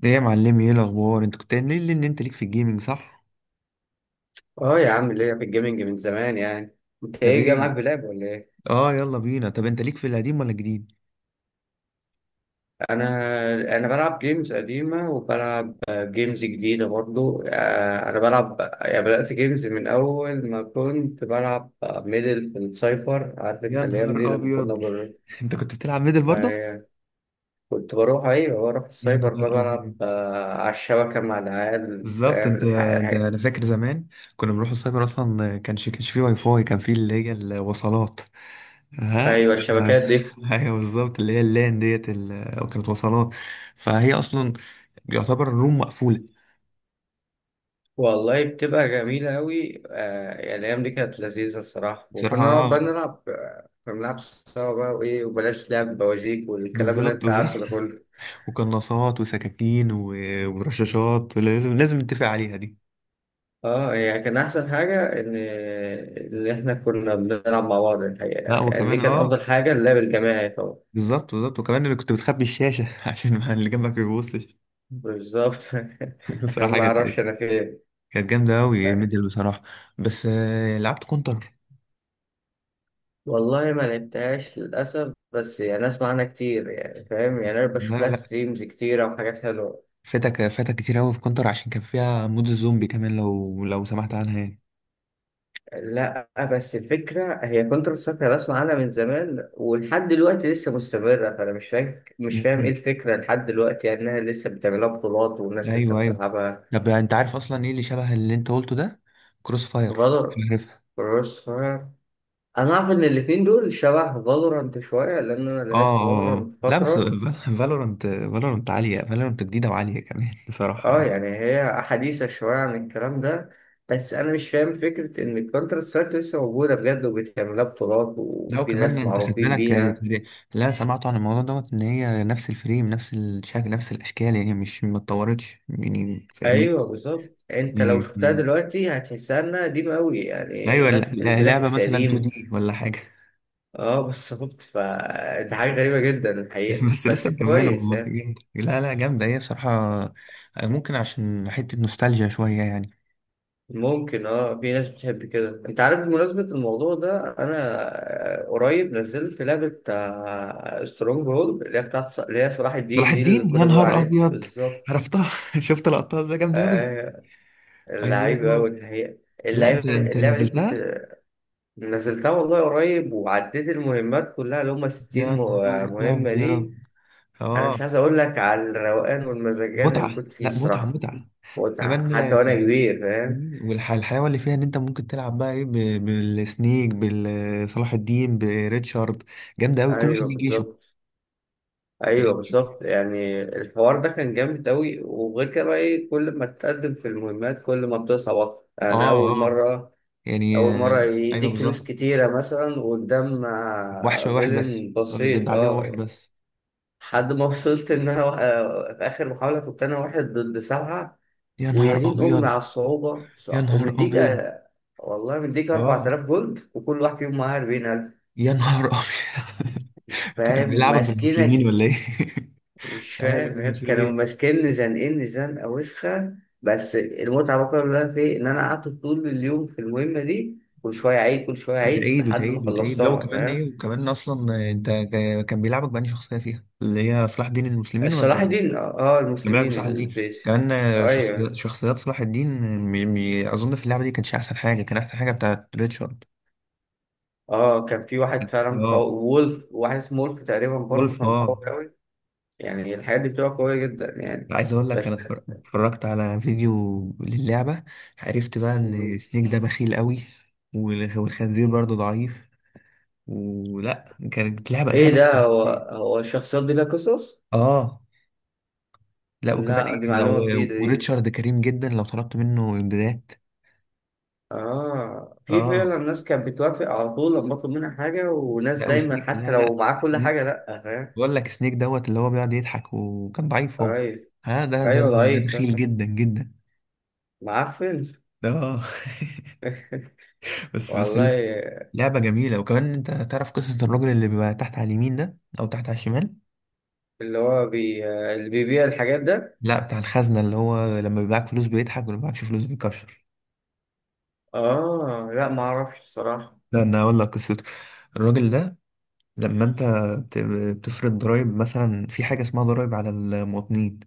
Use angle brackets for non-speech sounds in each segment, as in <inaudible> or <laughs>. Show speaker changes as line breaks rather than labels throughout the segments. ده يا معلمي، ايه الاخبار؟ انت كنت قايل لي ان انت ليك في الجيمنج، صح؟
اه يا عم، ليا في الجيمنج من زمان يعني. انت
طب
ايه جاي معاك،
ايه؟
بلعب ولا ايه؟
اه، يلا بينا. طب انت ليك في القديم ولا الجديد؟
انا انا بلعب جيمز قديمه، وبلعب جيمز جديده برضو. انا بلعب يعني، بدات جيمز من اول ما كنت بلعب ميدل في السايبر. عارف
يا
انت الايام دي
نهار
لما كنا
ابيض!
بر...
<laughs> انت كنت بتلعب ميدل برضه؟
آه، كنت بروح، ايوه، بروح
يا
السايبر،
نهار
بقى
ابيض!
بلعب على الشبكه مع العيال،
بالظبط. انت.
فاهم؟
انا فاكر زمان كنا بنروح السايبر، اصلا كانش فيه واي فاي، كان فيه اللي هي الوصلات. ها.
ايوه، الشبكات دي.
<laughs> ايوه بالظبط، اللي هي اللان ديت، كانت وصلات. فهي اصلا يعتبر الروم مقفوله.
والله بتبقى جميلة أوي. يعني الأيام دي كانت لذيذة الصراحة، وكنا نقعد
بصراحه.
بقى نلعب آه، كنا بنلعب سوا بقى، وإيه، وبلاش لعب بوازيك والكلام اللي
بالظبط
أنت
بالظبط
عارفه ده كله.
وقناصات وسكاكين ورشاشات، لازم نتفق عليها دي.
أه يعني كان أحسن حاجة إن إحنا كنا بنلعب مع بعض الحقيقة،
لا
يعني دي
وكمان
كانت أفضل
اه.
حاجة، اللعب الجماعي طبعا.
بالظبط. وكمان اللي كنت بتخبي الشاشة <laughs> عشان ما اللي جنبك ما يبصش.
بالظبط <laughs>
<laughs>
عشان
بصراحة،
ما
كانت
أعرفش أنا فين
كانت جامدة أوي
يعني.
ميدل، بصراحة. بس لعبت كونتر.
والله ما لعبتهاش للأسف، بس يعني أسمع عنها كتير، يعني فاهم يعني، أنا بشوف
لا
لها
لا،
ستريمز كتيرة وحاجات حلوة.
فاتك كتير أوي في كونتر عشان كان فيها مود الزومبي كمان. لو سمحت عنها يعني.
لا بس الفكرة هي كونتر سترايك، أنا بسمع عنها من زمان ولحد دلوقتي لسه مستمرة، فأنا مش فاهم إيه
مم.
الفكرة لحد دلوقتي، يعني إنها لسه بتعملها بطولات والناس لسه
أيوه أيوه.
بتلعبها.
طب أنت عارف أصلا إيه اللي شبه اللي أنت قلته ده؟ كروس فاير.
فالور كروس فاير. أنا أعرف إن الاتنين دول شبه فالورانت شوية، لأن أنا لعبت
اه اه آه.
فالورانت
لا، بس
فترة.
فالورنت عالية. فالورنت جديدة وعالية كمان. <laughs> بصراحة
أه
يعني.
يعني هي حديثة شوية عن الكلام ده، بس أنا مش فاهم فكرة إن الكونتر سترايك لسه موجودة بجد، وبتعملها بطولات
لا
وفي
وكمان
ناس
يعني انت خد
معروفين
بالك
بيها.
اللي انا سمعته عن الموضوع دوت، ان هي نفس الفريم، نفس الشكل، نفس الاشكال، يعني مش ما اتطورتش يعني، فاهمني؟
ايوه بالظبط، انت
يعني
لو شفتها دلوقتي هتحسها انها قديمه قوي، يعني
ايوه،
نفس
لعبة
الجرافيكس
مثلا 2
قديم.
دي ولا حاجة.
اه بالظبط، فدي حاجه غريبه جدا
<laughs>
الحقيقه،
بس
بس
لسه مكملة
كويس
والله،
يعني.
جامدة. لا لا، جامدة هي بصراحة. ممكن عشان حتة نوستالجيا شوية يعني.
ممكن، اه، في ناس بتحب كده، انت عارف بمناسبه الموضوع ده انا قريب نزلت لعبه سترونج هولد، اللي هي اللي هي صلاح
صلاح
الدين، دي اللي
الدين! يا
كنا بنقول
نهار
عليها
ابيض!
بالظبط.
عرفتها. <laughs> شفت لقطات، ده جامدة اوي.
آه، اللعيبه قوي
ايوه.
الحقيقه.
لا
اللعبة
انت
اللعبة دي كنت
نزلتها؟
نزلتها والله قريب، وعديت المهمات كلها، اللي هم
يا
60
نهار
مهمة
ابيض!
دي. أنا
اه.
مش عايز أقول لك على الروقان والمزاجان اللي
متعه.
كنت فيه
لا، متعه
الصراحة.
متعه.
متعة حتى
كمان
وأنا
كان.
كبير، فاهم؟
والحلاوه اللي فيها ان انت ممكن تلعب بقى ايه بالسنيك، بصلاح الدين، بريتشارد. جامده قوي. كل واحد
أيوه
ليه جيشه.
بالظبط، أيوه
فاهم؟
بالظبط. يعني الحوار ده كان جامد أوي، وغير كده بقى إيه، كل ما تتقدم في المهمات كل ما بتصعب أكتر. أنا
اه
أول
اه.
مرة
يعني
أول مرة
ايوه
يديك فلوس
بالظبط.
كتيرة مثلا قدام
وحش واحد بس،
فيلن
ولا ده
بسيط.
ده عدو واحد
أه
بس؟
لحد ما وصلت ان انا وا- آه، في اخر محاوله كنت انا واحد ضد سبعه.
يا نهار
ويا دين امي
ابيض!
على الصعوبه،
يا
صع-
نهار
ومديك
ابيض!
آه، والله مديك
اه.
4000 جولد، وكل واحد فيهم معاه 40000.
يا نهار ابيض! <laughs> انت كان
فاهم
بيلعبك بالمسلمين
ماسكينك؟
ولا ايه؟ <laughs>
مش
مش عارف
فاهم
انا
يعني،
في
كانوا
ايه.
ماسكيني زنقيني زنقه وسخه. بس المتعه بقى كلها في إيه؟ ان انا قعدت طول اليوم في المهمه دي، كل شويه عيد كل شويه عيد،
وتعيد
لحد ما
وتعيد وتعيد لو
خلصتها
كمان ايه.
فاهم.
وكمان اصلا انت كان بيلعبك بأنهي شخصيه فيها، اللي هي صلاح الدين، المسلمين ولا؟
صلاح الدين، اه،
كان بيلعبك
المسلمين
بصلاح الدين.
البيت.
كان
ايوه.
شخصيات صلاح الدين، اظن في اللعبه دي كانش احسن حاجه. كان احسن حاجه بتاعت ريتشارد.
اه كان في واحد فعلا قوي،
اه.
وولف، واحد اسمه وولف تقريبا، برضه
وولف
كان
اه.
قوي قوي. يعني الحاجات دي بتبقى قوية جدا يعني.
عايز اقول لك،
بس
انا اتفرجت على فيديو للعبه. عرفت بقى ان
مم.
سنيك ده بخيل قوي. والخنزير برضه ضعيف. ولا كانت لعبه
ايه
لعبه
ده، هو الشخصيات دي لها قصص؟
اه، لا وكمان
لا دي
ايه لو.
معلومة جديدة دي.
وريتشارد كريم جدا لو طلبت منه امدادات.
اه، في
اه.
فعلا ناس كانت بتوافق على طول لما اطلب منها حاجة، وناس
لا،
دايما
وسنيك
حتى
لا
لو
لا.
معاه كل
سنيك،
حاجة لا، فاهم.
بقول لك سنيك دوت اللي هو بيقعد يضحك وكان ضعيف هو.
ضعيف.
ها، ده ده
ايوه
ده, ده
ضعيف،
بخيل جدا جدا.
معفن.
اه. <laughs> بس
والله.
لعبة جميلة. وكمان انت تعرف قصة الراجل اللي بيبقى تحت على اليمين ده او تحت على الشمال؟
اللي هو اللي بيبيع الحاجات ده.
لا، بتاع الخزنة اللي هو لما بيبعك فلوس بيضحك ولما بيبعكش فلوس بيكشر.
اه، لا ما اعرفش الصراحة.
لا انا اقول لك قصته. الراجل ده لما انت بت- بتفرض ضرائب، مثلا في حاجه اسمها ضرائب على المواطنين،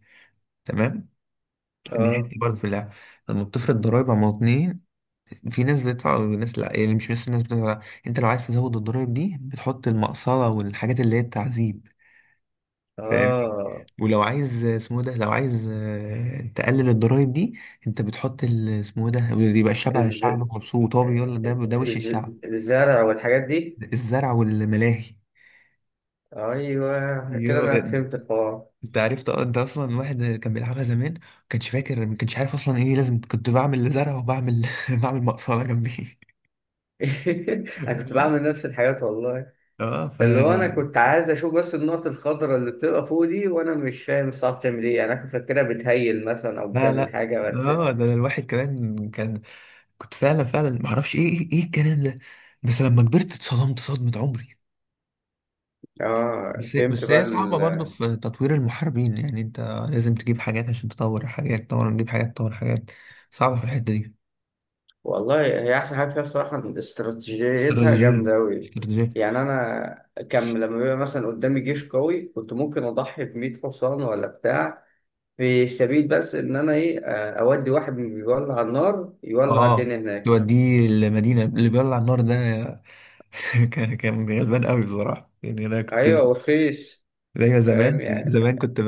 تمام؟ دي حته
اه،
برضه في اللعبه. لما بتفرض ضرائب على المواطنين، في ناس بتدفع وناس لا، يعني مش بس الناس بتدفع لا. انت لو عايز تزود الضرائب دي بتحط المقصله والحاجات اللي هي التعذيب، فاهم؟
اه.
ولو عايز اسمه ده، لو عايز تقلل الضرائب دي، انت بتحط اسمه ده، بيبقى الشعب
الز...
الشعب مبسوط. هو بيقول لك ده وش
الز...
الشعب.
الزرع والحاجات دي.
الزرع والملاهي.
ايوه
يو،
كده، انا فهمت الحوار.
انت عرفت. اه. انت اصلا واحد كان بيلعبها زمان، ما كانش فاكر، ما كانش عارف اصلا ايه لازم. كنت بعمل زرع وبعمل <laughs> بعمل مقصله جنبي.
<laughs> انا كنت
<laughs>
بعمل نفس الحاجات والله.
اه
اللي هو انا كنت عايز اشوف بس النقط الخضراء اللي بتبقى فوق دي، وانا مش فاهم الصعب بتعمل ايه يعني. انا كنت فاكرها بتهيل مثلا، او
لا لا.
بتعمل حاجه بس.
اه، ده الواحد كمان كان، كنت فعلا فعلا ما اعرفش ايه، ايه الكلام ده؟ بس لما كبرت اتصدمت صدمة عمري.
اه
بس هي صعبة برضو في تطوير المحاربين. يعني انت لازم تجيب حاجات عشان تطور حاجات، تطور، تجيب حاجات، تطور حاجات. صعبة في الحتة دي.
والله هي احسن حاجه فيها الصراحه، إن استراتيجيتها
استراتيجية،
جامده قوي.
استراتيجية.
يعني انا كان لما بيبقى مثلا قدامي جيش قوي، كنت ممكن اضحي ب 100 حصان ولا بتاع، في سبيل بس ان انا ايه، اودي واحد من بيولع النار يولع
اه
الدنيا هناك.
يوديه المدينة اللي بيولع النار ده. <laughs> كان غلبان قوي بصراحة. يعني انا كنت
ايوه ورخيص،
زي
فاهم
زمان.
يعني.
زمان كنت ب...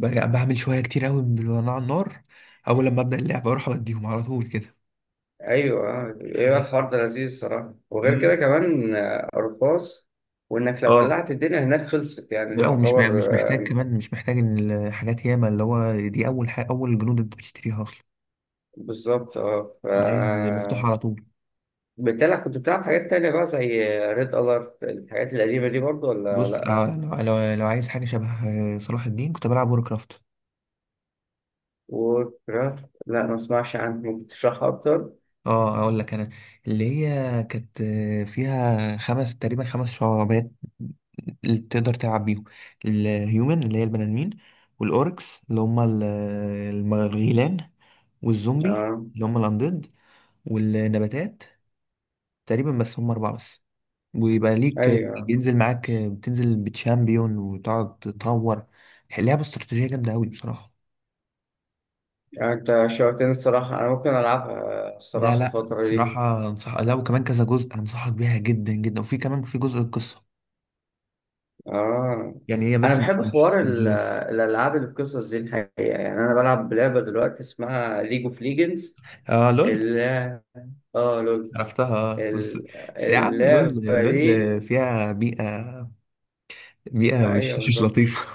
ب- يعني بعمل شوية كتير قوي بالولع النار. اول لما ابدأ اللعبة اروح اوديهم على طول كده.
ايوه ايوه،
<laughs>
الحوار ده لذيذ الصراحه. وغير كده
امم
كمان رخاص، وانك لو
اه،
ولعت الدنيا هناك خلصت، يعني
لا ومش
يعتبر.
مش محتاج. كمان مش محتاج ان الحاجات ياما اللي هو دي اول حاجة، اول جنود انت بتشتريها اصلا،
بالظبط، اه
اللي هي مفتوحة على طول.
بالتالي كنت بتلعب حاجات تانية بقى، زي ريد الارت، الحاجات القديمة دي برضو ولا
بص
لا؟
لو لو عايز حاجة شبه صلاح الدين، كنت بلعب وور.
ووركرافت، لا ما اسمعش عنه، ممكن تشرحها اكتر.
اه اقول لك انا، اللي هي كانت فيها تقريبا خمس شعبات اللي تقدر تلعب بيهم. الهيومن اللي هي البني ادمين، والاوركس اللي هم الغيلان، والزومبي
اه.
اللي هم الاندد، والنباتات تقريبا. بس هم اربعه بس. ويبقى ليك
ايوه
بينزل معاك، بتنزل بتشامبيون وتقعد تطور. لعبه استراتيجيه جامده قوي بصراحه.
يعني انت شوقتني الصراحة، انا ممكن العبها
ده
الصراحة
لا،
الفترة دي.
بصراحه انصح. لا وكمان كذا جزء، انا انصحك بيها جدا جدا. وفي كمان في جزء القصه
اه
يعني. هي
انا
بس مش
بحب
مش
حوار
مش بس.
الالعاب اللي بقصص دي الحقيقة، يعني انا بلعب لعبة دلوقتي اسمها ليج اوف ليجندز،
اه لول.
اللي اه لول.
عرفتها. بس
ال-
بس يا عم لول.
اللعبة دي.
لول فيها بيئة، بيئة مش
ايوه
مش
بالظبط،
لطيفة.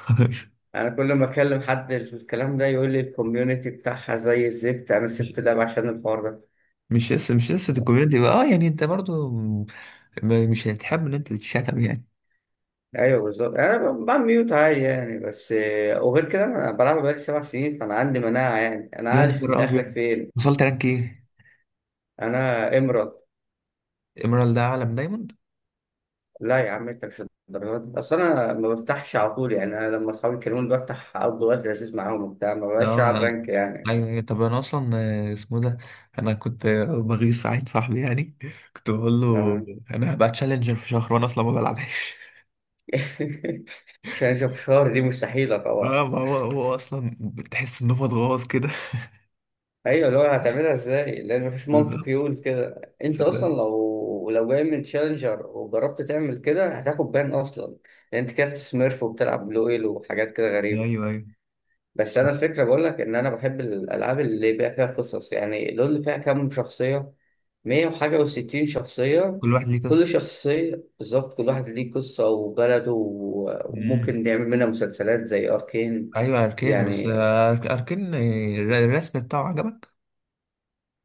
انا كل ما اكلم حد في الكلام ده يقول لي الكوميونتي بتاعها زي الزفت، انا
<laughs> مش
سبت اللعبة عشان الحوار ده.
مش لسه الكوميونتي بقى اه. يعني انت برضو مش هتحب ان انت تتشتم يعني.
ايوه بالظبط، انا بعمل ميوت عادي يعني. بس وغير كده انا بلعب بقالي 7 سنين، فانا عندي مناعه يعني، انا
يا
عارف انت
نهار
اخرك
ابيض!
فين.
وصلت رانك ايه؟
انا امرض.
ايميرالد ده عالم دايموند؟
لا يا عم انت مش، الدرجات دي اصل انا ما بفتحش على طول يعني. انا لما اصحابي يكلموني بفتح، افضل وقت لذيذ معاهم وبتاع، ما بقاش العب
اه
رانك يعني.
ايوه أيوة. طب انا اصلا اسمه ده، انا كنت بغيظ في عين صاحبي يعني. كنت بقول له
آه.
انا هبقى تشالنجر في شهر وانا اصلا ما بلعبهاش.
<laughs> عشان اشوف، شهر دي مستحيله طبعا.
اه، ما هو اصلا بتحس ان هو اتغوص كده. <laughs>
ايوه اللي هو هتعملها ازاي، لان مفيش منطق
بالظبط.
يقول كده. انت
ف-
اصلا لو جاي من تشالنجر وجربت تعمل كده هتاخد بان اصلا، لان انت كده بتسميرف وبتلعب بلو ايل وحاجات كده
ايوه
غريبه.
ايوه.
بس انا الفكره بقول لك ان انا بحب الالعاب اللي بيبقى فيها قصص، يعني لول اللي فيها كام شخصيه، 100 وحاجه و60 شخصيه.
كل واحد ليه
كل
قصه.
شخصيه بالظبط، كل واحد ليه قصه وبلده
امم
وممكن نعمل منها مسلسلات زي اركين.
ايوه اركان. بس
يعني
اركان الرسم بتاعه عجبك؟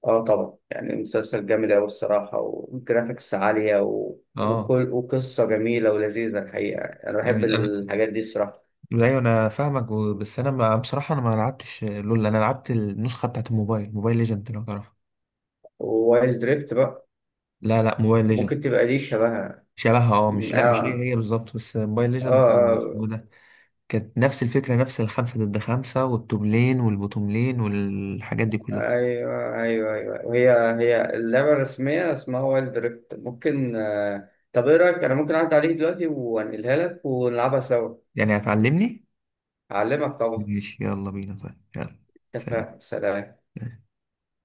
اه طبعا، يعني مسلسل جامد أوي الصراحة، وجرافيكس عالية
اه.
وقصة جميلة ولذيذة الحقيقة، أنا
يعني
بحب الحاجات دي الصراحة.
ايوه انا فاهمك بس انا، ما بصراحه انا ما لعبتش لول. انا لعبت النسخه بتاعت الموبايل، موبايل ليجند، لو تعرفها.
ووايلد دريفت بقى،
لا لا، موبايل ليجند.
ممكن تبقى دي شبهها.
شبهها اه. مش لا مش
آه
هي بالظبط. بس موبايل ليجند
آه
اسمه ده. كانت نفس الفكره، نفس الخمسه ضد خمسه، والتوب لين، والبوتوم لين والحاجات دي كلها.
أيوه أيوه أيوه. وهي اللعبة الرسمية اسمها وايلد دريفت ممكن طب إيه رأيك، أنا ممكن أعدي عليك دلوقتي وأنقلها لك ونلعبها سوا.
يعني هتعلمني؟
أعلمك طبعا.
ماشي يلا بينا. طيب يلا. سلام.
اتفق، سلام.